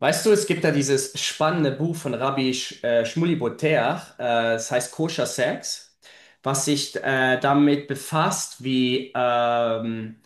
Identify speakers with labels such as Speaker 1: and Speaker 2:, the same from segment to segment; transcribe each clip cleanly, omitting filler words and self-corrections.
Speaker 1: Weißt du, es gibt da dieses spannende Buch von Rabbi Sh Shmuley Boteach. Es heißt Koscher Sex, was sich damit befasst, wie,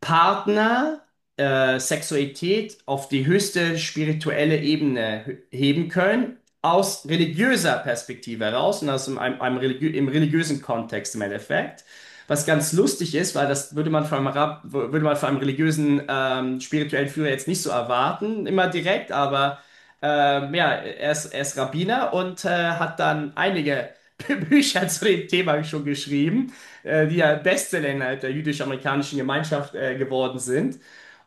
Speaker 1: Partner, Sexualität auf die höchste spirituelle Ebene heben können, aus religiöser Perspektive heraus und aus einem religiösen Kontext im Endeffekt. Was ganz lustig ist, weil das würde man von einem religiösen, spirituellen Führer jetzt nicht so erwarten, immer direkt, aber ja, er ist Rabbiner und hat dann einige Bücher zu dem Thema schon geschrieben, die ja Bestseller innerhalb der jüdisch-amerikanischen Gemeinschaft geworden sind.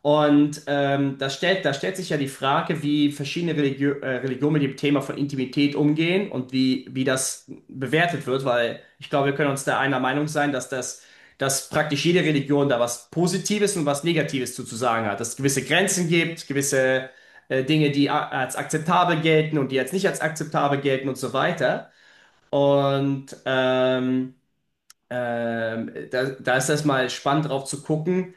Speaker 1: Und da stellt sich ja die Frage, wie verschiedene Religionen mit dem Thema von Intimität umgehen und wie das bewertet wird, weil ich glaube, wir können uns da einer Meinung sein, dass praktisch jede Religion da was Positives und was Negatives zu sagen hat, dass es gewisse Grenzen gibt, gewisse Dinge, die als akzeptabel gelten und die als nicht als akzeptabel gelten und so weiter. Und da ist das mal spannend drauf zu gucken,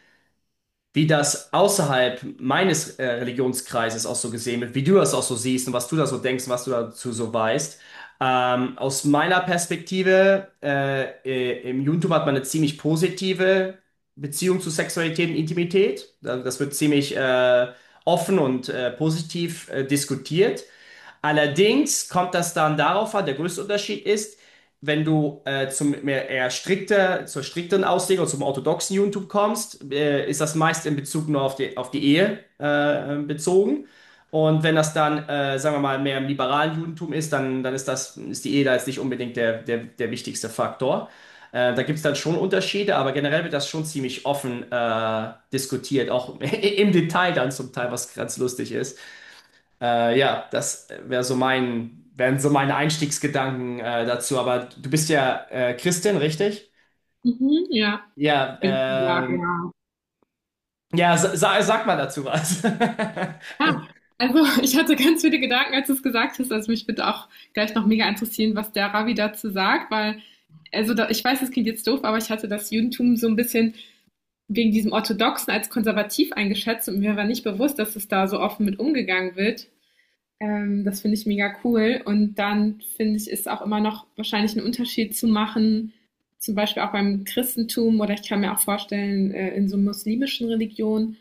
Speaker 1: wie das außerhalb meines Religionskreises auch so gesehen wird, wie du das auch so siehst und was du da so denkst und was du dazu so weißt. Aus meiner Perspektive, im Judentum hat man eine ziemlich positive Beziehung zu Sexualität und Intimität. Das wird ziemlich offen und positiv diskutiert. Allerdings kommt das dann darauf an, der größte Unterschied ist, wenn du zum mehr eher strikter, zur strikteren Auslegung, zum orthodoxen Judentum kommst, ist das meist in Bezug nur auf die Ehe bezogen. Und wenn das dann, sagen wir mal, mehr im liberalen Judentum ist, dann ist das, ist die Ehe da jetzt nicht unbedingt der wichtigste Faktor. Da gibt es dann schon Unterschiede, aber generell wird das schon ziemlich offen diskutiert, auch im Detail dann zum Teil, was ganz lustig ist. Das wären so meine Einstiegsgedanken dazu. Aber du bist ja Christin, richtig?
Speaker 2: Mhm, ja,
Speaker 1: Ja,
Speaker 2: würde ich sagen, ja. Genau.
Speaker 1: ja, sag mal dazu was.
Speaker 2: Ja, also ich hatte ganz viele Gedanken, als du es gesagt hast. Also mich würde auch gleich noch mega interessieren, was der Ravi dazu sagt, weil, also da, ich weiß, es klingt jetzt doof, aber ich hatte das Judentum so ein bisschen wegen diesem Orthodoxen als konservativ eingeschätzt und mir war nicht bewusst, dass es da so offen mit umgegangen wird. Das finde ich mega cool. Und dann finde ich, ist auch immer noch wahrscheinlich ein Unterschied zu machen, zum Beispiel auch beim Christentum oder ich kann mir auch vorstellen, in so muslimischen Religionen,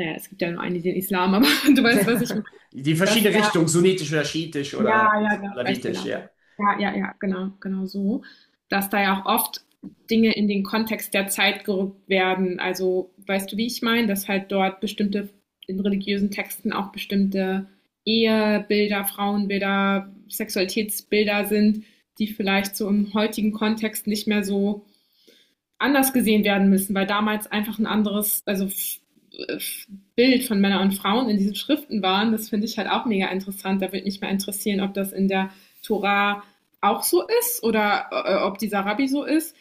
Speaker 2: naja, es gibt ja nur einen, den Islam, aber du weißt, was ich meine.
Speaker 1: Die
Speaker 2: Dass
Speaker 1: verschiedene
Speaker 2: da,
Speaker 1: Richtung, sunnitisch oder schiitisch oder
Speaker 2: ja, ja, ja, weißt
Speaker 1: alawitisch,
Speaker 2: genau.
Speaker 1: ja.
Speaker 2: Ja, ja, ja, genau, genau so. Dass da ja auch oft Dinge in den Kontext der Zeit gerückt werden. Also, weißt du, wie ich meine? Dass halt dort bestimmte, in religiösen Texten auch bestimmte Ehebilder, Frauenbilder, Sexualitätsbilder sind, die vielleicht so im heutigen Kontext nicht mehr so anders gesehen werden müssen, weil damals einfach ein anderes, also Bild von Männern und Frauen in diesen Schriften waren, das finde ich halt auch mega interessant. Da würde mich mal interessieren, ob das in der Tora auch so ist oder ob dieser Rabbi so ist,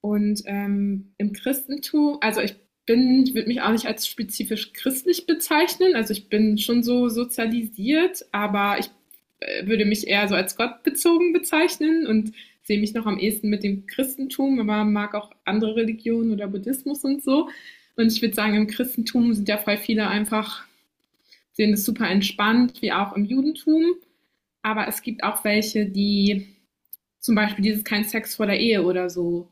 Speaker 2: und im Christentum, also ich bin, ich würde mich auch nicht als spezifisch christlich bezeichnen. Also ich bin schon so sozialisiert, aber ich würde mich eher so als gottbezogen bezeichnen und sehe mich noch am ehesten mit dem Christentum, aber mag auch andere Religionen oder Buddhismus und so. Und ich würde sagen, im Christentum sind ja voll viele einfach, sehen es super entspannt, wie auch im Judentum. Aber es gibt auch welche, die zum Beispiel dieses kein Sex vor der Ehe oder so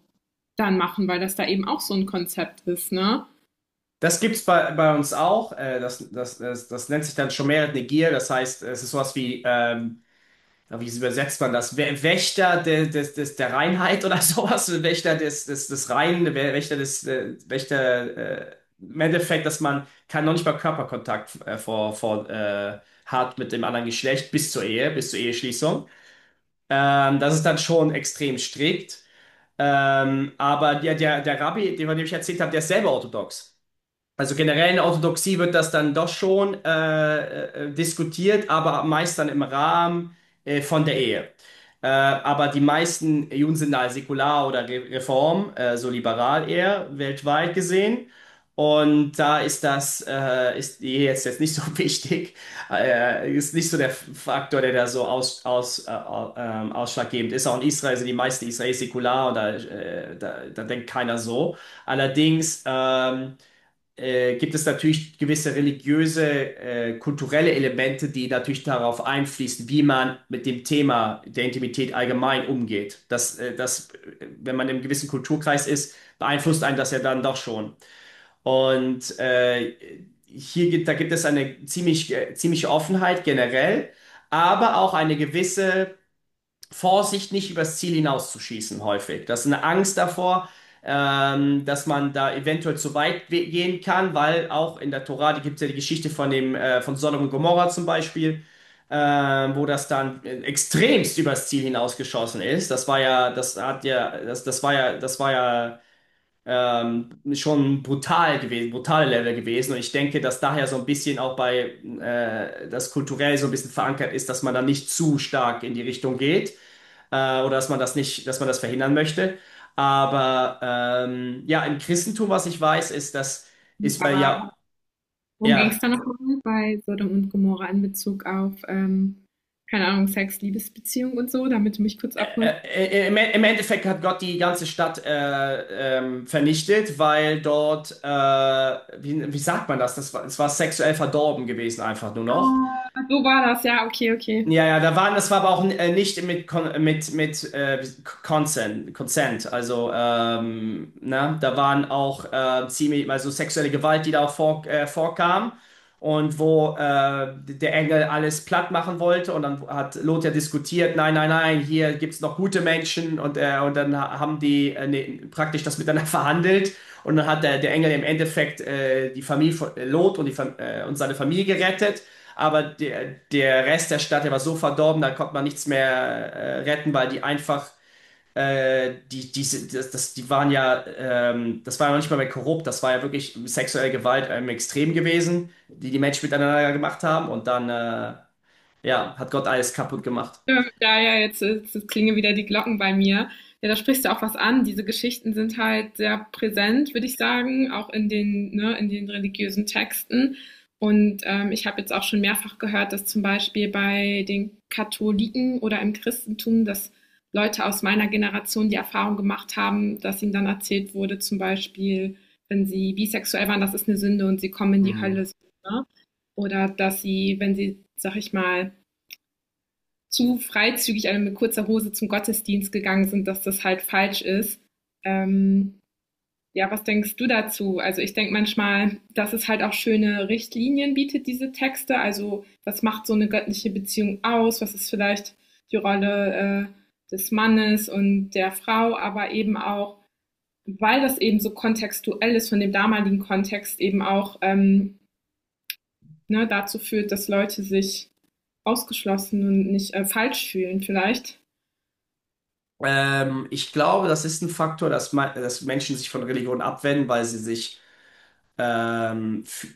Speaker 2: dann machen, weil das da eben auch so ein Konzept ist, ne?
Speaker 1: Das gibt's bei uns auch. Das nennt sich dann Schomeret Negir. Das heißt, es ist sowas wie aber wie übersetzt man das? Wächter der Reinheit oder sowas? Wächter des Reinen, Wächter, im Endeffekt, dass man kann noch nicht mal Körperkontakt hat mit dem anderen Geschlecht bis zur Ehe, bis zur Eheschließung. Das ist dann schon extrem strikt. Aber der Rabbi, den, von dem ich erzählt habe, der ist selber orthodox. Also generell in der Orthodoxie wird das dann doch schon diskutiert, aber meist dann im Rahmen von der Ehe. Aber die meisten Juden sind da säkular oder Re Reform, so liberal eher, weltweit gesehen. Und da ist das, ist die Ehe jetzt nicht so wichtig, ist nicht so der Faktor, der da so ausschlaggebend ist. Auch in Israel sind die meisten Israelis säkular und da denkt keiner so. Allerdings, gibt es natürlich gewisse religiöse, kulturelle Elemente, die natürlich darauf einfließen, wie man mit dem Thema der Intimität allgemein umgeht. Wenn man im gewissen Kulturkreis ist, beeinflusst einen das ja dann doch schon. Und da gibt es eine ziemliche Offenheit generell, aber auch eine gewisse Vorsicht, nicht übers Ziel hinauszuschießen, häufig. Das ist eine Angst davor, dass man da eventuell zu weit gehen kann, weil auch in der Tora, die gibt es ja die Geschichte von von Sodom und Gomorra zum Beispiel, äh, wo das dann extremst übers Ziel hinausgeschossen ist. Das war ja, das hat ja, das, das war ja Schon brutal gewesen, brutale Level gewesen. Und ich denke, dass daher so ein bisschen auch das kulturell so ein bisschen verankert ist, dass man da nicht zu stark in die Richtung geht oder dass man das nicht, dass man das verhindern möchte. Aber ja, im Christentum, was ich weiß, ist, dass ist weil
Speaker 2: Aber
Speaker 1: ja,
Speaker 2: worum ging
Speaker 1: ja.
Speaker 2: es da nochmal bei Sodom und Gomorra in Bezug auf, keine Ahnung, Sex, Liebesbeziehung und so, damit du mich kurz abholst?
Speaker 1: Im Endeffekt hat Gott die ganze Stadt vernichtet, weil dort, wie sagt man das? Es war sexuell verdorben gewesen, einfach nur noch.
Speaker 2: Ah, so war das, ja, okay, okay.
Speaker 1: Das war aber auch nicht mit Consent. Also ne, da waren auch ziemlich, also sexuelle Gewalt, die da auch vorkam und wo der Engel alles platt machen wollte und dann hat Lot ja diskutiert, nein, nein, nein, hier gibt's noch gute Menschen und dann haben die ne, praktisch das miteinander verhandelt und dann hat der Engel im Endeffekt die Familie von Lot und die und seine Familie gerettet. Aber der Rest der Stadt, der war so verdorben, da konnte man nichts mehr retten, weil die einfach, die waren ja, das war ja noch nicht mal mehr korrupt, das war ja wirklich sexuelle Gewalt im Extrem gewesen, die die Menschen miteinander gemacht haben und dann, ja, hat Gott alles kaputt gemacht.
Speaker 2: Ja, ja jetzt, jetzt klingen wieder die Glocken bei mir. Ja, da sprichst du auch was an. Diese Geschichten sind halt sehr präsent, würde ich sagen, auch in den, ne, in den religiösen Texten. Und ich habe jetzt auch schon mehrfach gehört, dass zum Beispiel bei den Katholiken oder im Christentum, dass Leute aus meiner Generation die Erfahrung gemacht haben, dass ihnen dann erzählt wurde, zum Beispiel, wenn sie bisexuell waren, das ist eine Sünde und sie kommen in die
Speaker 1: Mhm.
Speaker 2: Hölle. Ne? Oder dass sie, wenn sie, sag ich mal, zu freizügig alle mit kurzer Hose zum Gottesdienst gegangen sind, dass das halt falsch ist. Ähm, ja, was denkst du dazu? Also ich denke manchmal, dass es halt auch schöne Richtlinien bietet, diese Texte. Also was macht so eine göttliche Beziehung aus? Was ist vielleicht die Rolle des Mannes und der Frau, aber eben auch, weil das eben so kontextuell ist von dem damaligen Kontext, eben auch ne, dazu führt, dass Leute sich ausgeschlossen und nicht falsch fühlen vielleicht.
Speaker 1: Ich glaube, das ist ein Faktor, dass Menschen sich von Religion abwenden, weil sie sich ähm, f-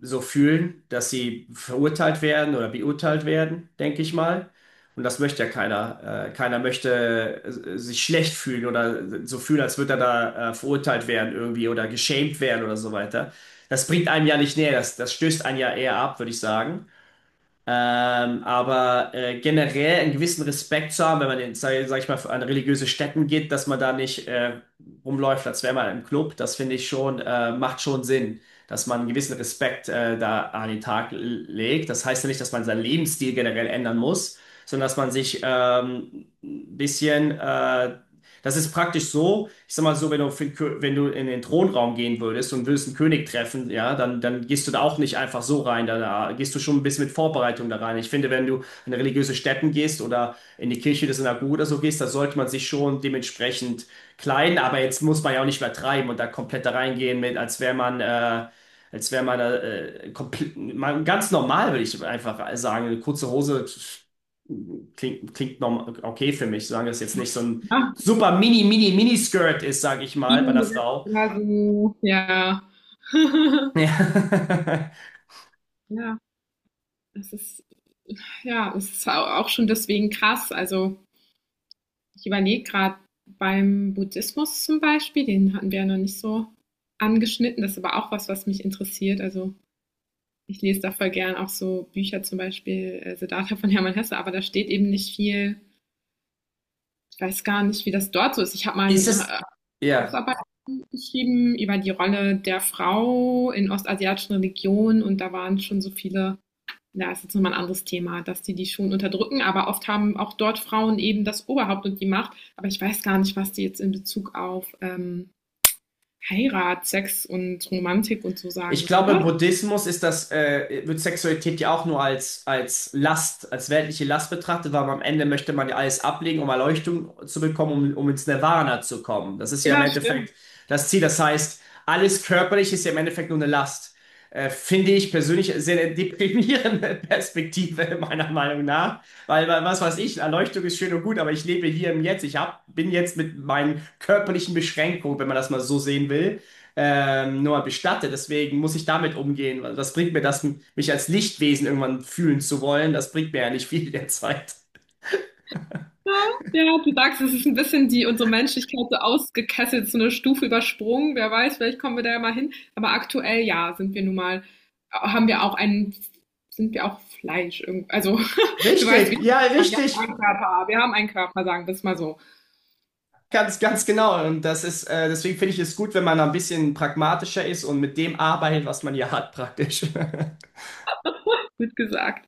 Speaker 1: so fühlen, dass sie verurteilt werden oder beurteilt werden, denke ich mal. Und das möchte ja keiner. Keiner möchte sich schlecht fühlen oder so fühlen, als würde er da verurteilt werden irgendwie oder geschämt werden oder so weiter. Das bringt einem ja nicht näher, das stößt einen ja eher ab, würde ich sagen. Generell einen gewissen Respekt zu haben, wenn man in, sag ich mal, an religiöse Stätten geht, dass man da nicht rumläuft, als wäre man im Club, das finde ich schon, macht schon Sinn, dass man einen gewissen Respekt da an den Tag legt. Das heißt ja nicht, dass man seinen Lebensstil generell ändern muss, sondern dass man sich ein bisschen das ist praktisch so, ich sag mal so, wenn du, für den wenn du in den Thronraum gehen würdest und würdest einen König treffen, ja, dann gehst du da auch nicht einfach so rein, da gehst du schon ein bisschen mit Vorbereitung da rein. Ich finde, wenn du in religiöse Stätten gehst oder in die Kirche der Synagoge oder so gehst, da sollte man sich schon dementsprechend kleiden, aber jetzt muss man ja auch nicht übertreiben und da komplett da reingehen mit, als wäre man, als wäre man, komplett, man ganz normal, würde ich einfach sagen, eine kurze Hose. Klingt normal, okay für mich, solange das jetzt nicht so ein
Speaker 2: Ja,
Speaker 1: super mini, mini, mini Skirt ist, sag ich mal, bei der Frau.
Speaker 2: ja, so, ja.
Speaker 1: Ja.
Speaker 2: Ja, das ist ja, es ist au auch schon deswegen krass. Also, ich überlege gerade beim Buddhismus zum Beispiel, den hatten wir ja noch nicht so angeschnitten. Das ist aber auch was, was mich interessiert. Also, ich lese da voll gern auch so Bücher, zum Beispiel Siddhartha von Hermann Hesse, aber da steht eben nicht viel. Ich weiß gar nicht, wie das dort so ist. Ich habe mal
Speaker 1: Ist
Speaker 2: eine
Speaker 1: es,
Speaker 2: äh,
Speaker 1: ja.
Speaker 2: Hausarbeit geschrieben über die Rolle der Frau in ostasiatischen Religionen und da waren schon so viele, da ist jetzt nochmal ein anderes Thema, dass die schon unterdrücken, aber oft haben auch dort Frauen eben das Oberhaupt und die Macht. Aber ich weiß gar nicht, was die jetzt in Bezug auf Heirat, Sex und Romantik und so sagen.
Speaker 1: Ich
Speaker 2: Weißt du
Speaker 1: glaube, im
Speaker 2: das?
Speaker 1: Buddhismus ist wird Sexualität ja auch nur als Last, als weltliche Last betrachtet, weil am Ende möchte man ja alles ablegen, um Erleuchtung zu bekommen, um ins Nirvana zu kommen. Das ist ja im
Speaker 2: Ja, stimmt.
Speaker 1: Endeffekt das Ziel. Das heißt, alles Körperliche ist ja im Endeffekt nur eine Last. Finde ich persönlich sehr eine deprimierende Perspektive, meiner Meinung nach. Was weiß ich, Erleuchtung ist schön und gut, aber ich lebe hier im Jetzt. Bin jetzt mit meinen körperlichen Beschränkungen, wenn man das mal so sehen will nur mal bestatte. Deswegen muss ich damit umgehen. Was bringt mir das, mich als Lichtwesen irgendwann fühlen zu wollen? Das bringt mir ja nicht viel derzeit.
Speaker 2: Ja, ja, du sagst, es ist ein bisschen die unsere Menschlichkeit so ausgekesselt, so eine Stufe übersprungen. Wer weiß, vielleicht kommen wir da ja mal hin. Aber aktuell, ja, sind wir nun mal, haben wir auch einen, sind wir auch Fleisch. Irgend- also, du weißt, wie
Speaker 1: Richtig, ja,
Speaker 2: wir haben
Speaker 1: richtig.
Speaker 2: einen Körper, wir haben einen Körper, sagen wir es mal so.
Speaker 1: Ganz, ganz genau. Und das ist, deswegen finde ich es gut, wenn man ein bisschen pragmatischer ist und mit dem arbeitet, was man hier hat, praktisch.
Speaker 2: Wird gesagt.